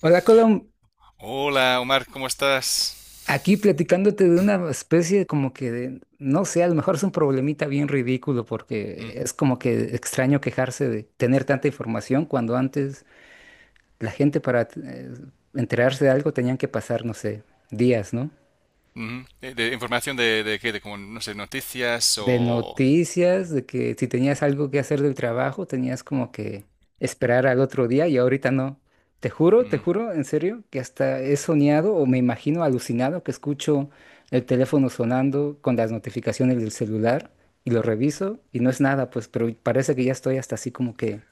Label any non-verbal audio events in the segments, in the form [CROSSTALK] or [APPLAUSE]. Hola, Colom. Hola, Omar, ¿cómo Aquí estás? platicándote de una especie como que de, no sé, a lo mejor es un problemita bien ridículo Mm, porque es como que extraño quejarse de tener tanta información cuando antes la gente para enterarse de algo tenían que pasar, no sé, días, ¿no? ujú. Información de qué, de como, no sé, noticias De o... noticias, de que si tenías algo que hacer del trabajo, tenías como que esperar al otro día y ahorita no. Te juro, te Ujú. juro, en serio, que hasta he soñado o me imagino alucinado que escucho el teléfono sonando con las notificaciones del celular y lo reviso y no es nada, pues, pero parece que ya estoy hasta así como que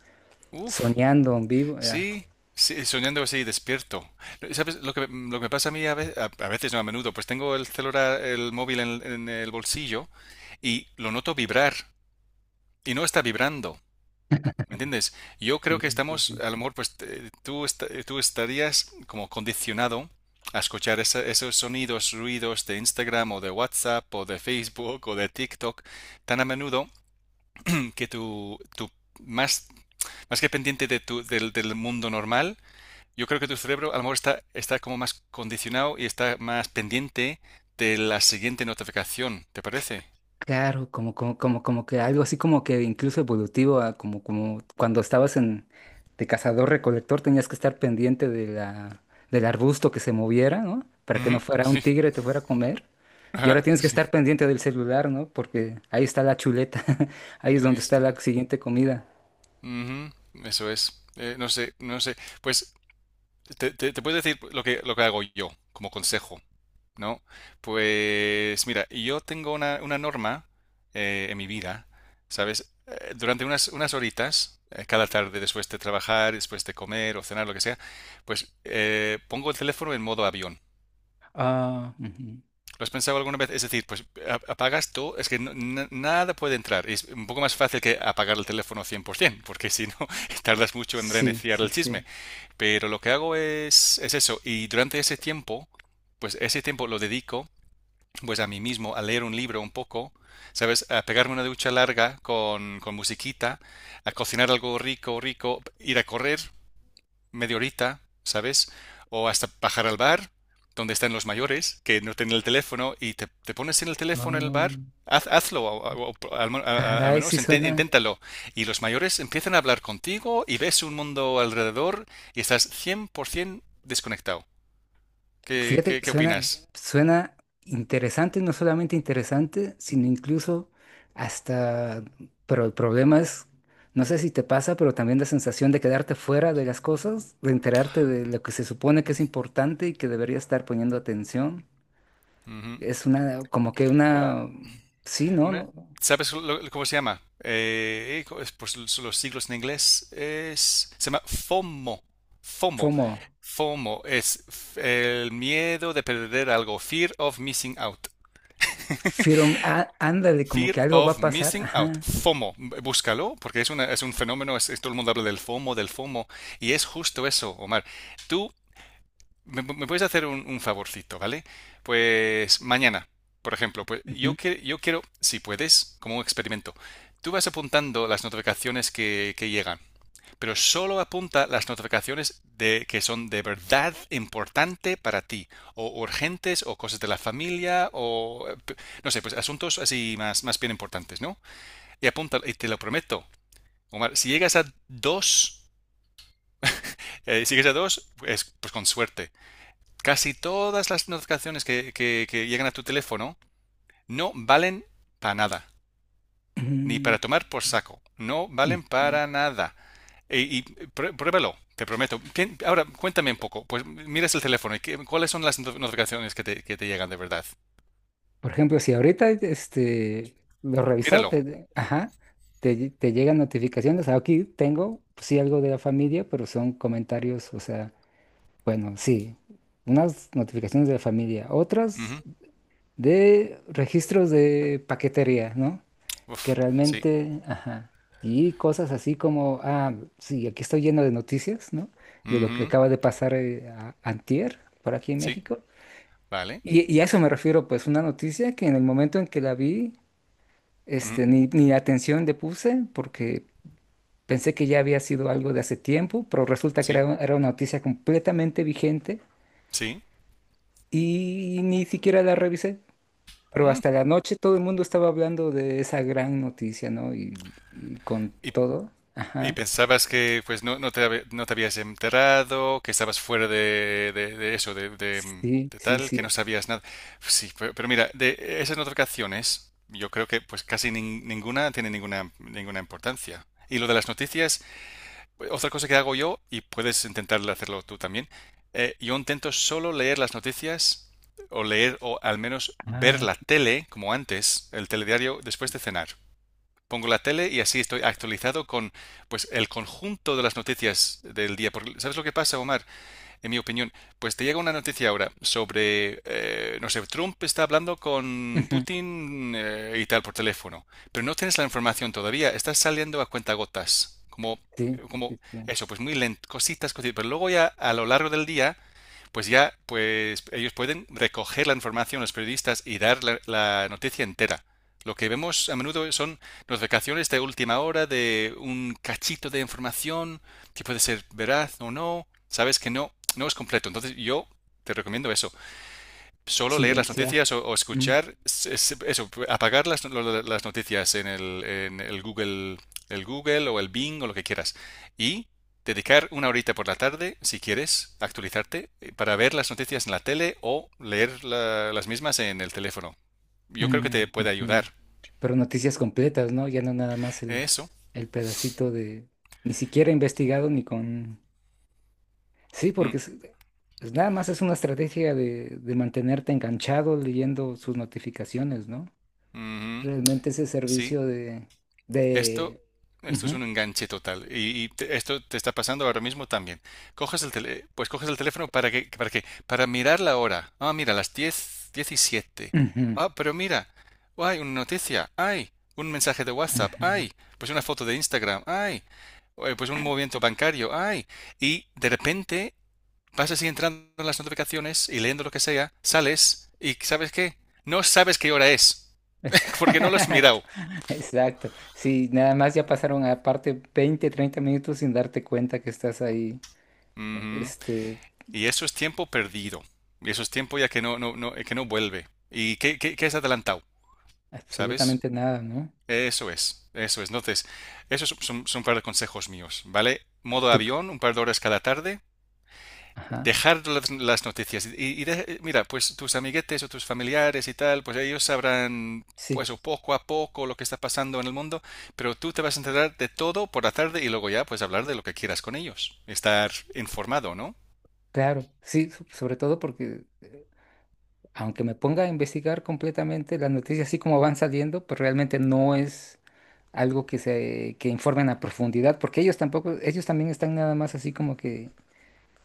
Uf, soñando en vivo. Ya. sí, sí, soñando así, despierto. ¿Sabes lo que me pasa a mí a veces, no a menudo? Pues tengo el celular, el móvil en el bolsillo y lo noto vibrar y no está vibrando. ¿Entiendes? Yo creo que Sí, sí, estamos, sí. a lo mejor, pues tú estarías como condicionado a escuchar esos sonidos, ruidos de Instagram o de WhatsApp o de Facebook o de TikTok tan a menudo [CLEARS THROAT] que tu más, más que pendiente de del mundo normal, yo creo que tu cerebro a lo mejor está como más condicionado y está más pendiente de la siguiente notificación, ¿te parece? Claro, como que algo así como que incluso evolutivo, a como cuando estabas en de cazador-recolector tenías que estar pendiente de del arbusto que se moviera, ¿no? Para que no Ujú, fuera un sí. tigre te fuera a comer. Y [LAUGHS] ahora tienes que Sí. estar pendiente del celular, ¿no? Porque ahí está la chuleta, [LAUGHS] ahí es Ahí donde está la está. siguiente comida. Ujú, eso es. No sé, no sé. Pues te puedo decir lo que hago yo como consejo, ¿no? Pues mira, yo tengo una norma en mi vida, ¿sabes? Durante unas horitas, cada tarde después de trabajar, después de comer o cenar, lo que sea, pues pongo el teléfono en modo avión. Ah, ujú. ¿Lo has pensado alguna vez? Es decir, pues apagas todo, es que nada puede entrar. Es un poco más fácil que apagar el teléfono 100%, porque si no, [LAUGHS] tardas mucho en Sí, reiniciar sí, el sí. chisme. Pero lo que hago es eso. Y durante ese tiempo, pues ese tiempo lo dedico pues a mí mismo, a leer un libro un poco, ¿sabes? A pegarme una ducha larga con musiquita, a cocinar algo rico, rico, ir a correr media horita, ¿sabes? O hasta bajar al bar, donde están los mayores, que no tienen el teléfono, y te pones en el teléfono en el Ah, bar, hazlo, al caray, sí menos suena. inténtalo. Y los mayores empiezan a hablar contigo y ves un mundo alrededor y estás 100% desconectado. ¿Qué, Fíjate, qué, qué suena, opinas? suena interesante, no solamente interesante, sino incluso hasta, pero el problema es, no sé si te pasa, pero también la sensación de quedarte fuera de las cosas, de enterarte de lo que se supone que es importante y que deberías estar poniendo atención. Ujú. Es una, como que Ah, una, sí, ¿no? Una, ¿No? ¿Sabes cómo se llama? Es por los siglos en inglés se llama FOMO. FOMO. Como, FOMO es el miedo de perder algo. Fear of missing out. firme, ándale, como Fear que algo va of a pasar. missing out. Ajá. FOMO. Búscalo porque es un fenómeno. Todo el mundo habla del FOMO, del FOMO. Y es justo eso, Omar. Tú ¿Me puedes hacer un favorcito, vale? Pues mañana, por ejemplo, pues Ujú, yo quiero, si puedes, como un experimento, tú vas apuntando las notificaciones que llegan, pero solo apunta las notificaciones que son de verdad importante para ti, o urgentes, o cosas de la familia, o no sé, pues asuntos así más bien importantes, ¿no? Y apunta, y te lo prometo, Omar, si llegas a dos, pues, pues con suerte. Casi todas las notificaciones que llegan a tu teléfono no valen para nada, ni para tomar por saco, no ujú, valen ujú. para nada. Y, pruébalo, te prometo. Ahora, cuéntame un poco, pues miras el teléfono y cuáles son las notificaciones que te llegan de verdad. Por ejemplo, si ahorita este, lo revisó, Míralo. te, ajá, te llegan notificaciones. Aquí tengo, pues, sí, algo de la familia, pero son comentarios, o sea, bueno, sí, unas notificaciones de la familia, otras Ujú. de registros de paquetería, ¿no? Que Uf, sí. realmente, ajá, y cosas así como, ah, sí, aquí estoy lleno de noticias, ¿no? De lo que Ujú. acaba de pasar a- antier, por aquí en Sí, México. vale. Y a eso me refiero, pues una noticia que en el momento en que la vi, Ujú. este, ni atención le puse porque pensé que ya había sido algo de hace tiempo, pero resulta que Sí, era una noticia completamente vigente sí. y ni siquiera la revisé. Pero Mm. hasta la noche todo el mundo estaba hablando de esa gran noticia, ¿no? Y con Y todo. Y Ajá. pensabas que pues no, no te habías enterado, que estabas fuera de eso, de, de- Sí, de sí, tal, que no sí. sabías nada. Sí, pero, mira, de esas notificaciones, yo creo que pues casi ninguna tiene ninguna, importancia. Y lo de las noticias, otra cosa que hago yo, y puedes intentar hacerlo tú también, yo intento solo leer las noticias o leer o al menos ver Ah, la tele, como antes, el telediario, después de cenar pongo la tele y así estoy actualizado con pues el conjunto de las noticias del día. Porque, ¿sabes lo que pasa, Omar? En mi opinión, pues te llega una noticia ahora sobre, no sé, Trump está hablando con ujú, Putin, y tal por teléfono, pero no tienes la información todavía, estás saliendo a cuentagotas, como sí, como sí, sí. eso, pues muy lento, cositas, cositas, pero luego ya a lo largo del día pues ya pues ellos pueden recoger la información, los periodistas, y dar la noticia entera. Lo que vemos a menudo son notificaciones de última hora de un cachito de información que puede ser veraz o no. Sabes que no es completo. Entonces yo te recomiendo eso solo leer las Silenciar. noticias o Mm. escuchar, eso, apagar las noticias en el Google, el Google o el Bing o lo que quieras. Y dedicar una horita por la tarde, si quieres, actualizarte para ver las noticias en la tele o leer las mismas en el teléfono. Yo creo que te Mm, puede ujú. ayudar. Pero noticias completas, ¿no? Ya no nada más Eso. el pedacito de... Ni siquiera investigado ni con... Sí, Mm, porque es- pues nada más es una estrategia de mantenerte enganchado leyendo sus notificaciones, ¿no? ujú. Realmente ese Sí, servicio Esto, de... esto es Ujú, un enganche total. Y esto te está pasando ahora mismo también. Pues coges el teléfono ¿para qué? Para mirar la hora. Ah, mira, las 10:17. ujú, Ah, pero mira, hay una noticia, hay un mensaje de WhatsApp, ujú. hay pues una foto de Instagram, hay pues un movimiento bancario, hay. Y de repente vas así entrando en las notificaciones y leyendo lo que sea, sales y ¿sabes qué? No sabes qué hora es, [LAUGHS] porque no lo has Exacto, mirado. [LAUGHS] exacto. Sí, nada más ya pasaron aparte 20, 30 minutos sin darte cuenta que estás ahí, Ujú. este, Y eso es tiempo perdido. Y eso es tiempo ya que no vuelve. ¿Y qué es adelantado? ¿Sabes? absolutamente nada, ¿no? Eso es, eso es. Entonces, esos son, un par de consejos míos, ¿vale? Modo Tú- avión, un par de horas cada tarde, ajá, dejar las noticias. Y, mira, pues tus amiguetes o tus familiares y tal, pues ellos sabrán, sí, pues o poco a poco lo que está pasando en el mundo, pero tú te vas a enterar de todo por la tarde y luego ya, pues hablar de lo que quieras con ellos. Estar informado, ¿no? claro, sí, so- sobre todo porque aunque me ponga a investigar completamente las noticias así como van saliendo, pues realmente no es algo que se que informen a profundidad, porque ellos tampoco, ellos también están nada más así como que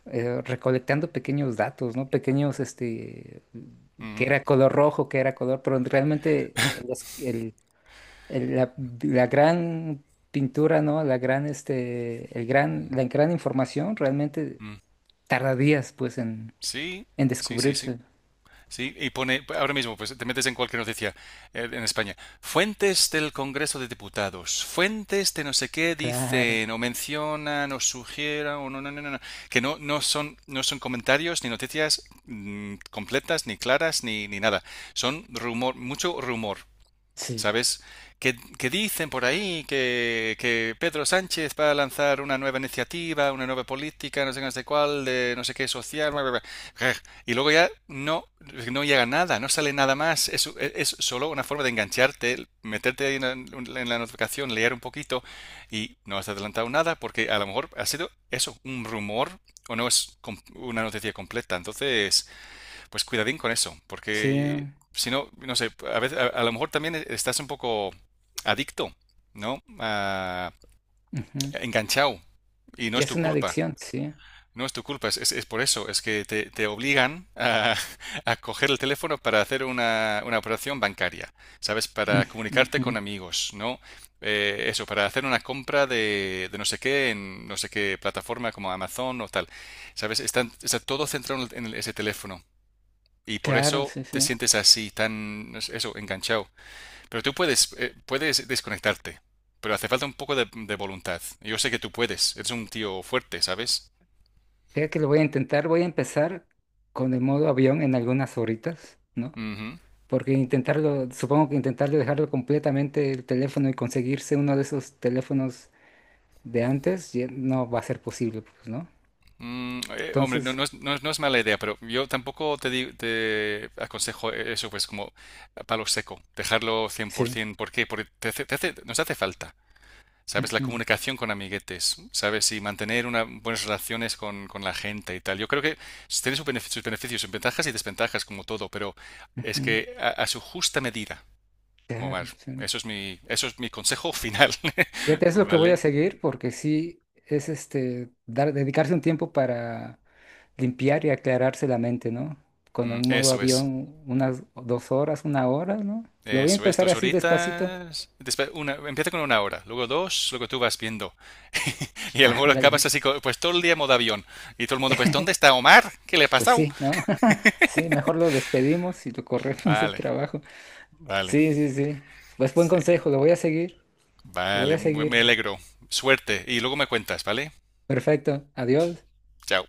recolectando pequeños datos, ¿no? Pequeños, este, que Mm, era color rojo, que era color, pero realmente el, es- el- la gran pintura, ¿no? La gran, este, el gran, la gran información realmente mm, tarda días pues sí, en sí, sí, sí. descubrirse. Sí, y pone, ahora mismo, pues te metes en cualquier noticia, en España. Fuentes del Congreso de Diputados, fuentes de no sé qué Claro, dicen o mencionan o sugieran o no, que no son comentarios ni noticias completas, ni claras, ni nada. Son rumor, mucho rumor, sí, ¿sabes? Que dicen por ahí que Pedro Sánchez va a lanzar una nueva iniciativa, una nueva política, no sé qué, no sé cuál, de no sé qué social, bla, bla, bla. Y luego ya no llega nada, no sale nada más. Es solo una forma de engancharte, meterte ahí en la notificación, leer un poquito y no has adelantado nada porque a lo mejor ha sido eso, un rumor o no es una noticia completa. Entonces, pues cuidadín con eso, sí. porque si no, no sé, a veces, a lo mejor también estás un poco adicto, ¿no? Ah, Ujú. enganchado y no Ya es es tu una culpa. adicción, sí. No es tu culpa, es por eso, es que te obligan a, [LAUGHS] a coger el teléfono para hacer una operación bancaria, ¿sabes? Ujú, Para comunicarte ujú. con amigos, ¿no? Eso, para hacer una compra de no sé qué en no sé qué plataforma como Amazon o tal, ¿sabes? Está todo centrado ese teléfono. Y por Claro, eso sí, te sí. sientes así, tan, no sé, eso, enganchado. Pero tú puedes desconectarte, pero hace falta un poco de voluntad. Yo sé que tú puedes, eres un tío fuerte, ¿sabes? Fíjate que lo voy a intentar, voy a empezar con el modo avión en algunas horitas, ¿no? Ujú. Porque intentarlo, supongo que intentarlo dejarlo completamente el teléfono y conseguirse uno de esos teléfonos de antes ya no va a ser posible, pues, ¿no? Hombre, no, Entonces, no es, no es- no es mala idea, pero yo tampoco te aconsejo eso, pues como a palo seco, dejarlo sí. 100%. Por ciento. ¿Por qué? Porque nos hace falta. ¿Sabes? La Ujú, comunicación con amiguetes, ¿sabes? Y mantener buenas relaciones con la gente y tal. Yo creo que tiene sus sus beneficios, sus ventajas y desventajas, como todo, pero es ujú, que a su justa medida, Omar. claro, sí. Eso es mi consejo final, [LAUGHS] Fíjate, es lo que voy a ¿vale? seguir porque sí es este dar, dedicarse un tiempo para limpiar y aclararse la mente, ¿no? Con el Mm, modo eso es. avión, unas 2 horas, 1 hora, ¿no? Lo voy a Eso es, empezar dos así despacito. horitas. Después empieza con una hora, luego dos, luego tú vas viendo. [LAUGHS] Y a lo Ah, mejor dale. acabas así, pues todo el día en modo avión. Y todo el mundo, pues, ¿dónde [LAUGHS] está Omar? ¿Qué le ha Pues pasado? sí, ¿no? [LAUGHS] Sí, mejor lo despedimos y lo corremos del Vale, trabajo. vale. Sí, sí, sí. Pues buen Sí. consejo, lo voy a seguir, lo voy Vale, a seguir. me alegro. Suerte y luego me cuentas, ¿vale? Perfecto, adiós. Chao.